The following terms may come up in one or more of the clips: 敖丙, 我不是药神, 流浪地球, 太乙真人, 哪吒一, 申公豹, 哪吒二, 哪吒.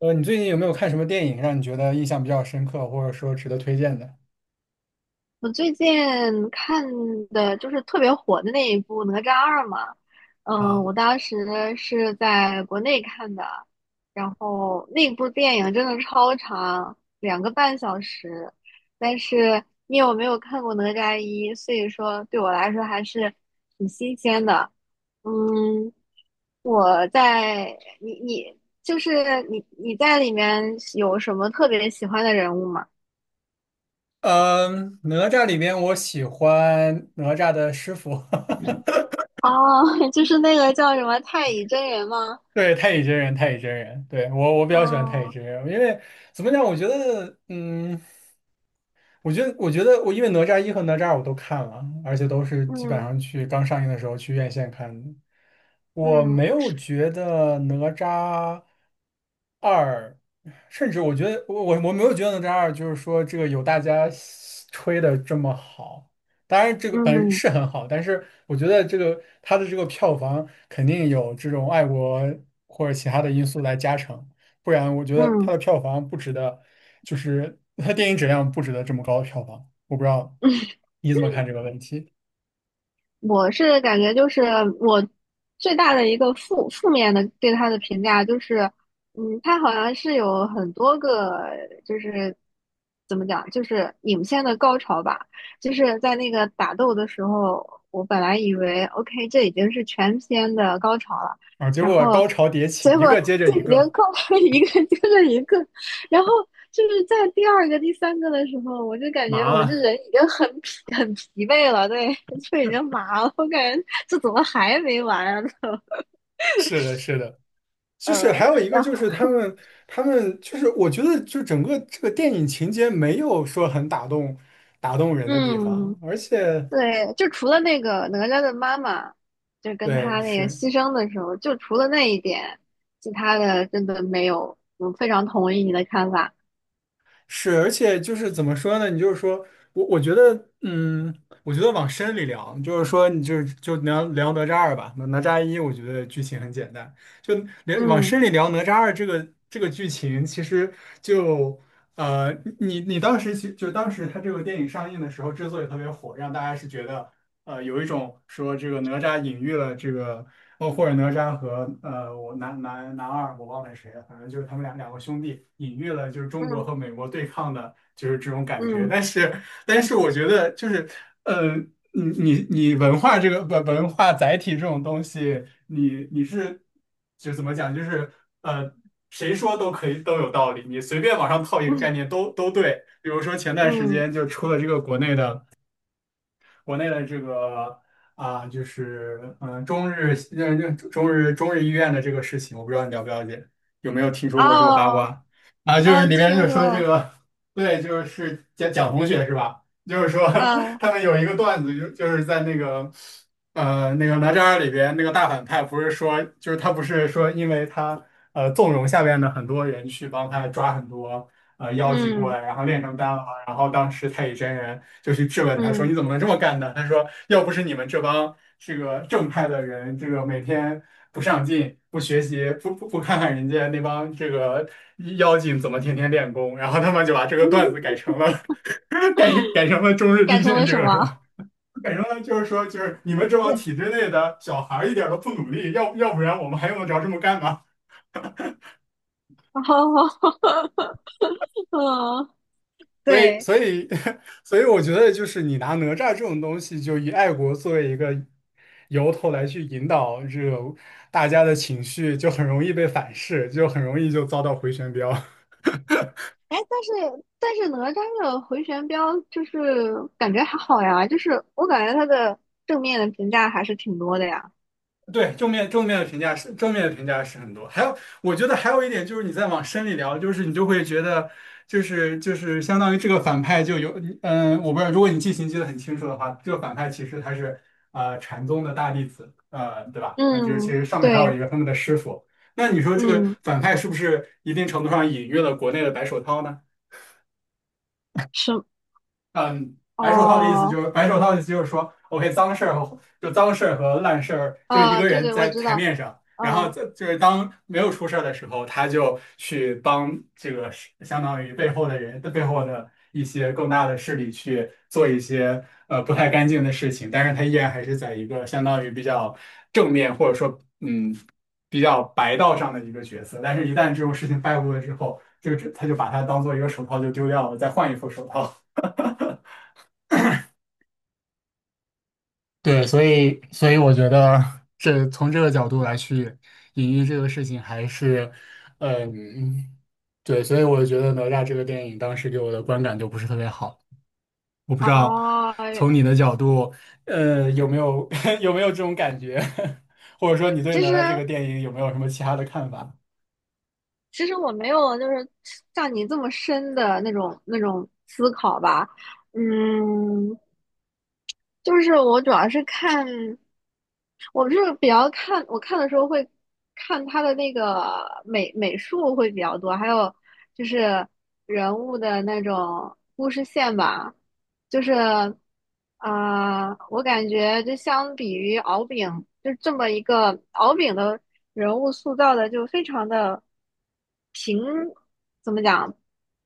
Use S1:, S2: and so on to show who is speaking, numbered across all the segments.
S1: 你最近有没有看什么电影让你觉得印象比较深刻，或者说值得推荐的
S2: 我最近看的就是特别火的那一部《哪吒二》嘛。嗯，
S1: 啊？
S2: 我当时是在国内看的，然后那部电影真的超长，2个半小时，但是因为我没有看过《哪吒一》，所以说对我来说还是挺新鲜的。嗯，我在你你就是你你在里面有什么特别喜欢的人物吗？
S1: 嗯，哪吒里面，我喜欢哪吒的师傅，
S2: 哦，就是那个叫什么太乙真人吗？
S1: 对，太乙真人，太乙真人，对，我比较喜欢太乙
S2: 哦，
S1: 真人，因为怎么讲，我觉得，嗯。我觉得我因为哪吒一和哪吒二我都看了，而且都是基本
S2: 嗯
S1: 上去刚上映的时候去院线看的。我没
S2: 嗯
S1: 有觉得哪吒二，甚至我觉得我没有觉得哪吒二就是说这个有大家吹的这么好。当然，这个本
S2: 嗯
S1: 是很好，但是我觉得这个它的这个票房肯定有这种爱国或者其他的因素来加成。不然我觉得它
S2: 嗯，
S1: 的票房不值得，就是它电影质量不值得这么高的票房。我不知道你怎么看这个问题
S2: 我是感觉就是我最大的一个负面的对他的评价就是，嗯，他好像是有很多个就是怎么讲，就是影片的高潮吧，就是在那个打斗的时候，我本来以为 OK 这已经是全片的高潮了，
S1: 啊？结
S2: 然
S1: 果
S2: 后
S1: 高潮迭起，
S2: 结
S1: 一
S2: 果
S1: 个接着
S2: 这
S1: 一
S2: 已经
S1: 个。
S2: 高潮一个接着 一个，然后就是在第二个、第三个的时候，我就感觉
S1: 麻
S2: 我这
S1: 了。
S2: 人已经很疲 很疲惫了，对，就已经麻了。我感觉这怎么还没完啊？
S1: 是的，是的，就是还有一个
S2: 然后
S1: 就是他们就是我觉得就整个这个电影情节没有说很打动人的地
S2: 嗯，
S1: 方，而且
S2: 对，就除了那个哪吒的妈妈，就跟
S1: 对
S2: 他那个
S1: 是。
S2: 牺牲的时候，就除了那一点，其他的真的没有。我非常同意你的看法。
S1: 是，而且就是怎么说呢？你就是说我，我觉得，嗯，我觉得往深里聊，就是说，你就是就聊聊哪吒二吧。哪吒一，我觉得剧情很简单，就往
S2: 嗯
S1: 深里聊哪吒二这个剧情，其实就呃，你你当时其就当时它这个电影上映的时候，之所以特别火，让大家是觉得有一种说这个哪吒隐喻了这个。哦，或者哪吒和我男二，我忘了谁了，反正就是他们两个兄弟，隐喻了就是中国和
S2: 嗯
S1: 美国对抗的，就是这种感觉。
S2: 嗯
S1: 但是我觉得就是，呃，你文化这个文化载体这种东西，你是就怎么讲，就是呃，谁说都可以都有道理，你随便往上套一个概
S2: 嗯
S1: 念都对。比如说前段时
S2: 嗯，
S1: 间就出了这个国内的。国内的这个啊，就是中日医院的这个事情，我不知道你了不了解，有没有听说过这个八
S2: 哦，
S1: 卦啊？就是
S2: 嗯，
S1: 里面
S2: 听
S1: 就是
S2: 说
S1: 说这
S2: 了，
S1: 个，对，就是蒋同学是吧？就是说
S2: 嗯
S1: 他们有一个段子，就是在那个那个哪吒二里边那个大反派，不是说就是他不是说因为他纵容下面的很多人去帮他抓很多。妖精过
S2: 嗯
S1: 来，然后炼成丹了。嘛？然后当时太乙真人就去质问他说：“你
S2: 嗯，
S1: 怎么能这么干呢？”他说：“要不是你们这帮这个正派的人，这个每天不上进、不学习、不看看人家那帮这个妖精怎么天天练功，然后他们就把这 个
S2: 嗯，
S1: 段子改成了 改成了中日地
S2: 改成
S1: 震
S2: 了
S1: 这
S2: 什
S1: 个是吧？
S2: 么？
S1: 改成了就是说，就是你们这帮
S2: 对，
S1: 体制内的小孩儿一点儿都不努力，要不然我们还用得着这么干吗？”
S2: 好好好，嗯，
S1: 所以，
S2: 对，
S1: 所以，我觉得就是你拿哪吒这种东西，就以爱国作为一个由头来去引导这个大家的情绪，就很容易被反噬，就很容易就遭到回旋镖。
S2: 哎，但是哪吒的回旋镖就是感觉还好呀，就是我感觉他的正面的评价还是挺多的呀。
S1: 对，正面的评价是很多，还有我觉得还有一点就是你再往深里聊，就是你就会觉得就是相当于这个反派就有我不知道，如果你记性记得很清楚的话，这个反派其实他是禅宗的大弟子，对吧？那就是其
S2: 嗯，
S1: 实上面还有
S2: 对，
S1: 一个他们的师傅，那你说这个
S2: 嗯，
S1: 反派是不是一定程度上隐喻了国内的白手套呢？
S2: 是，
S1: 嗯，
S2: 哦，
S1: 白手套的意思就是说，OK，脏事儿和烂事儿，就一
S2: 啊，
S1: 个
S2: 对
S1: 人
S2: 对，我
S1: 在
S2: 知
S1: 台
S2: 道，
S1: 面上，然后
S2: 嗯，
S1: 在就是当没有出事儿的时候，他就去帮这个是相当于背后的人的背后的一些更大的势力去做一些不太干净的事情，但是他依然还是在一个相当于比较正面或者说比较白道上的一个角色，但是一旦这种事情败露了之后，这个只他就把它当做一个手套就丢掉了，再换一副手套。对，所以我觉得这从这个角度来去隐喻这个事情，还是，嗯，对，所以我觉得哪吒这个电影当时给我的观感就不是特别好。我不知道
S2: 哦，
S1: 从你的角度，有没有 有没有这种感觉，或者说你对
S2: 其
S1: 哪
S2: 实
S1: 吒这个电影有没有什么其他的看法？
S2: 其实我没有就是像你这么深的那种思考吧，嗯，就是我主要是看，我是比较看，我看的时候会看他的那个美术会比较多，还有就是人物的那种故事线吧，就是我感觉就相比于敖丙，就这么一个敖丙的人物塑造的就非常的平，怎么讲，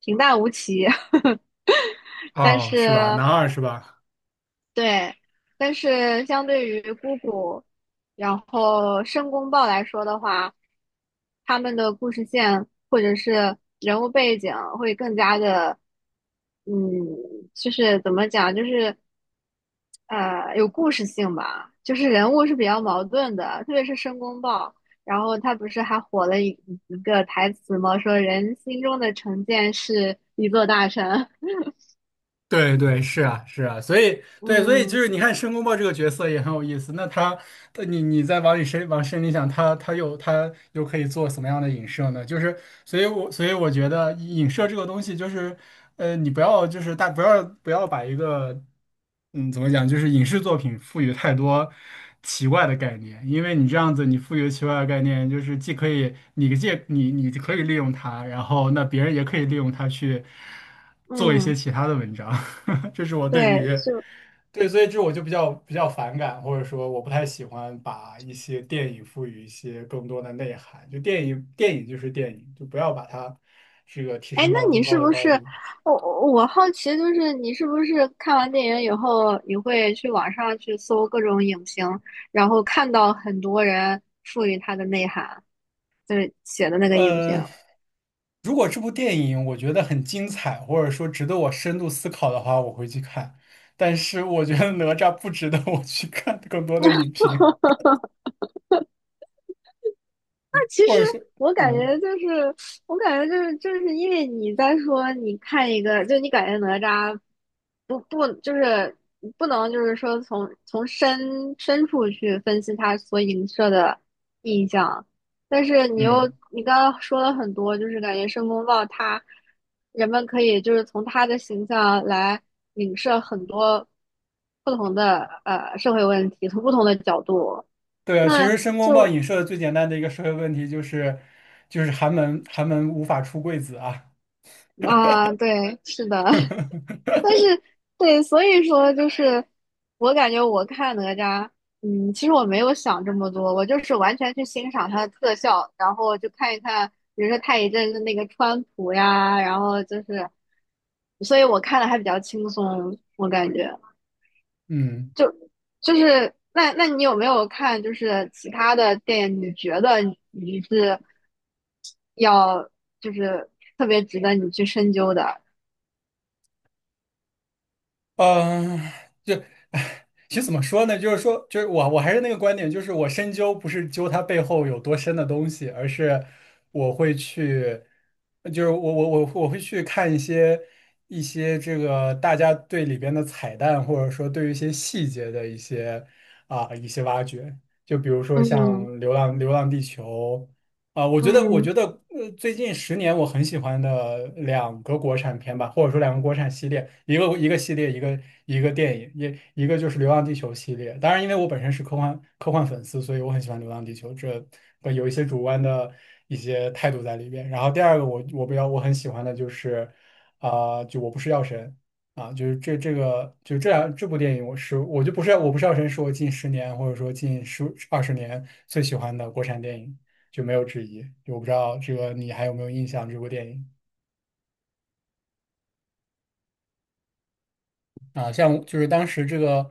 S2: 平淡无奇，但
S1: 哦，
S2: 是。
S1: 是吧？男二是吧？
S2: 对，但是相对于姑姑，然后申公豹来说的话，他们的故事线或者是人物背景会更加的，嗯，就是怎么讲，就是有故事性吧，就是人物是比较矛盾的，特别是申公豹，然后他不是还火了一个台词吗？说人心中的成见是一座大山，
S1: 对对，是啊是啊，所以 对，所以就
S2: 嗯
S1: 是你看申公豹这个角色也很有意思。他你再往深里想，他又可以做什么样的影射呢？就是，所以我觉得影射这个东西就是。你不要就是大不要不要把一个怎么讲，就是影视作品赋予太多奇怪的概念，因为你这样子你赋予奇怪的概念，就是既可以你借你你可以利用它，然后那别人也可以利用它去做一些
S2: 嗯。
S1: 其他的文章，这是我对
S2: 对，
S1: 于。
S2: 就
S1: 对，所以这我就比较反感，或者说我不太喜欢把一些电影赋予一些更多的内涵。就电影，电影就是电影，就不要把它这个提
S2: 哎，
S1: 升
S2: 那
S1: 到
S2: 你
S1: 更高
S2: 是
S1: 的
S2: 不
S1: 高
S2: 是
S1: 度。
S2: 我好奇，就是你是不是看完电影以后，你会去网上去搜各种影评，然后看到很多人赋予它的内涵，就是写的那个影评。
S1: 呃，如果这部电影我觉得很精彩，或者说值得我深度思考的话，我会去看。但是我觉得哪吒不值得我去看更多的影评，
S2: 其
S1: 或
S2: 实
S1: 者是，
S2: 我感
S1: 嗯
S2: 觉就是，我感觉就是，就是因为你在说，你看一个，就你感觉哪吒不就是不能就是说从深深处去分析他所影射的印象，但是你又
S1: 嗯，
S2: 你刚刚说了很多，就是感觉申公豹他人们可以就是从他的形象来影射很多不同的社会问题，从不同的角度。
S1: 对啊，其
S2: 那
S1: 实申公豹
S2: 就
S1: 影射的最简单的一个社会问题就是，就是寒门无法出贵子啊，
S2: 啊，对，是的，但是对，所以说就是我感觉我看哪吒，嗯，其实我没有想这么多，我就是完全去欣赏它的特效，然后就看一看，比如说太乙真的那个川普呀，然后就是，所以我看的还比较轻松，我感觉
S1: 嗯。
S2: 就就是那那你有没有看就是其他的电影？你觉得你是要就是特别值得你去深究的？
S1: 嗯，就，其实怎么说呢？就是说，就是我还是那个观点，就是我深究不是究它背后有多深的东西，而是我会去，就是我会去看一些这个大家对里边的彩蛋，或者说对于一些细节的一些挖掘，就比如说像
S2: 嗯
S1: 流浪地球》。啊、我
S2: 嗯
S1: 觉得，最近十年我很喜欢的两个国产片吧，或者说两个国产系列，一个系列，一个电影，一个就是《流浪地球》系列。当然，因为我本身是科幻粉丝，所以我很喜欢《流浪地球》，这有一些主观的一些态度在里边。然后第二个我我很喜欢的就是，啊、就我不是药神啊，就是这个就这部电影，我不是药神，是我近十年或者说近十二十年最喜欢的国产电影。就没有之一。我不知道这个你还有没有印象这部电影啊？像就是当时这个，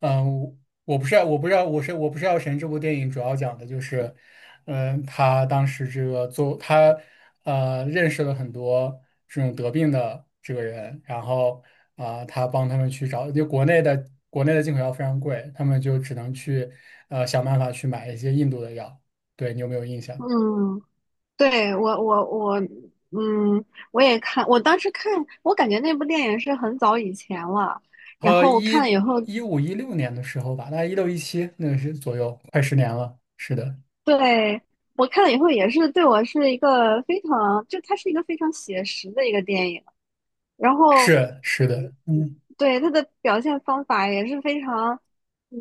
S1: 嗯，我我不知道我不是药神这部电影主要讲的就是，嗯，他当时这个做他认识了很多这种得病的这个人，然后啊、他帮他们去找，就国内的进口药非常贵，他们就只能去想办法去买一些印度的药。对你有没有印象？
S2: 嗯，对，我,嗯，我也看，我当时看，我感觉那部电影是很早以前了，然后我看了以后，
S1: 一五一六年的时候吧，大概一六一七那个是左右，快十年了。是的，
S2: 对，我看了以后也是对我是一个非常，就它是一个非常写实的一个电影，然后
S1: 是的，嗯。
S2: 对，他的表现方法也是非常，嗯，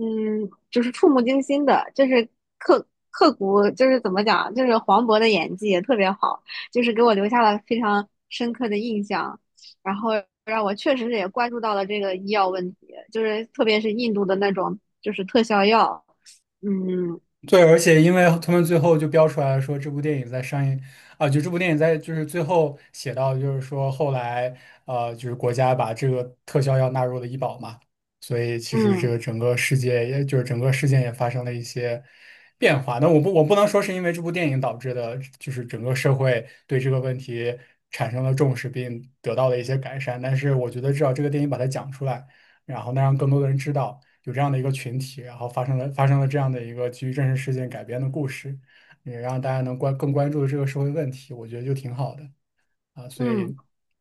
S2: 就是触目惊心的，就是刻刻骨，就是怎么讲，就是黄渤的演技也特别好，就是给我留下了非常深刻的印象，然后让我确实也关注到了这个医药问题，就是特别是印度的那种就是特效药，嗯
S1: 对，而且因为他们最后就标出来了，说这部电影在上映啊，就这部电影在就是最后写到，就是说后来就是国家把这个特效药纳入了医保嘛，所以其实这
S2: 嗯
S1: 个整个世界也就是整个事件也发生了一些变化。那我不能说是因为这部电影导致的，就是整个社会对这个问题产生了重视并得到了一些改善，但是我觉得至少这个电影把它讲出来。然后呢让更多的人知道有这样的一个群体，然后发生了这样的一个基于真实事件改编的故事，也让大家能更关注这个社会问题，我觉得就挺好的啊。所
S2: 嗯。
S1: 以，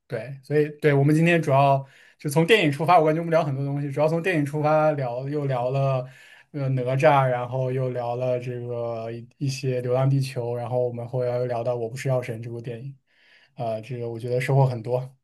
S1: 对，所以对我们今天主要就从电影出发，我感觉我们聊很多东西，主要从电影出发聊，又聊了。哪吒，然后又聊了这个一些《流浪地球》，然后我们后来又聊到《我不是药神》这部电影，这个我觉得收获很多。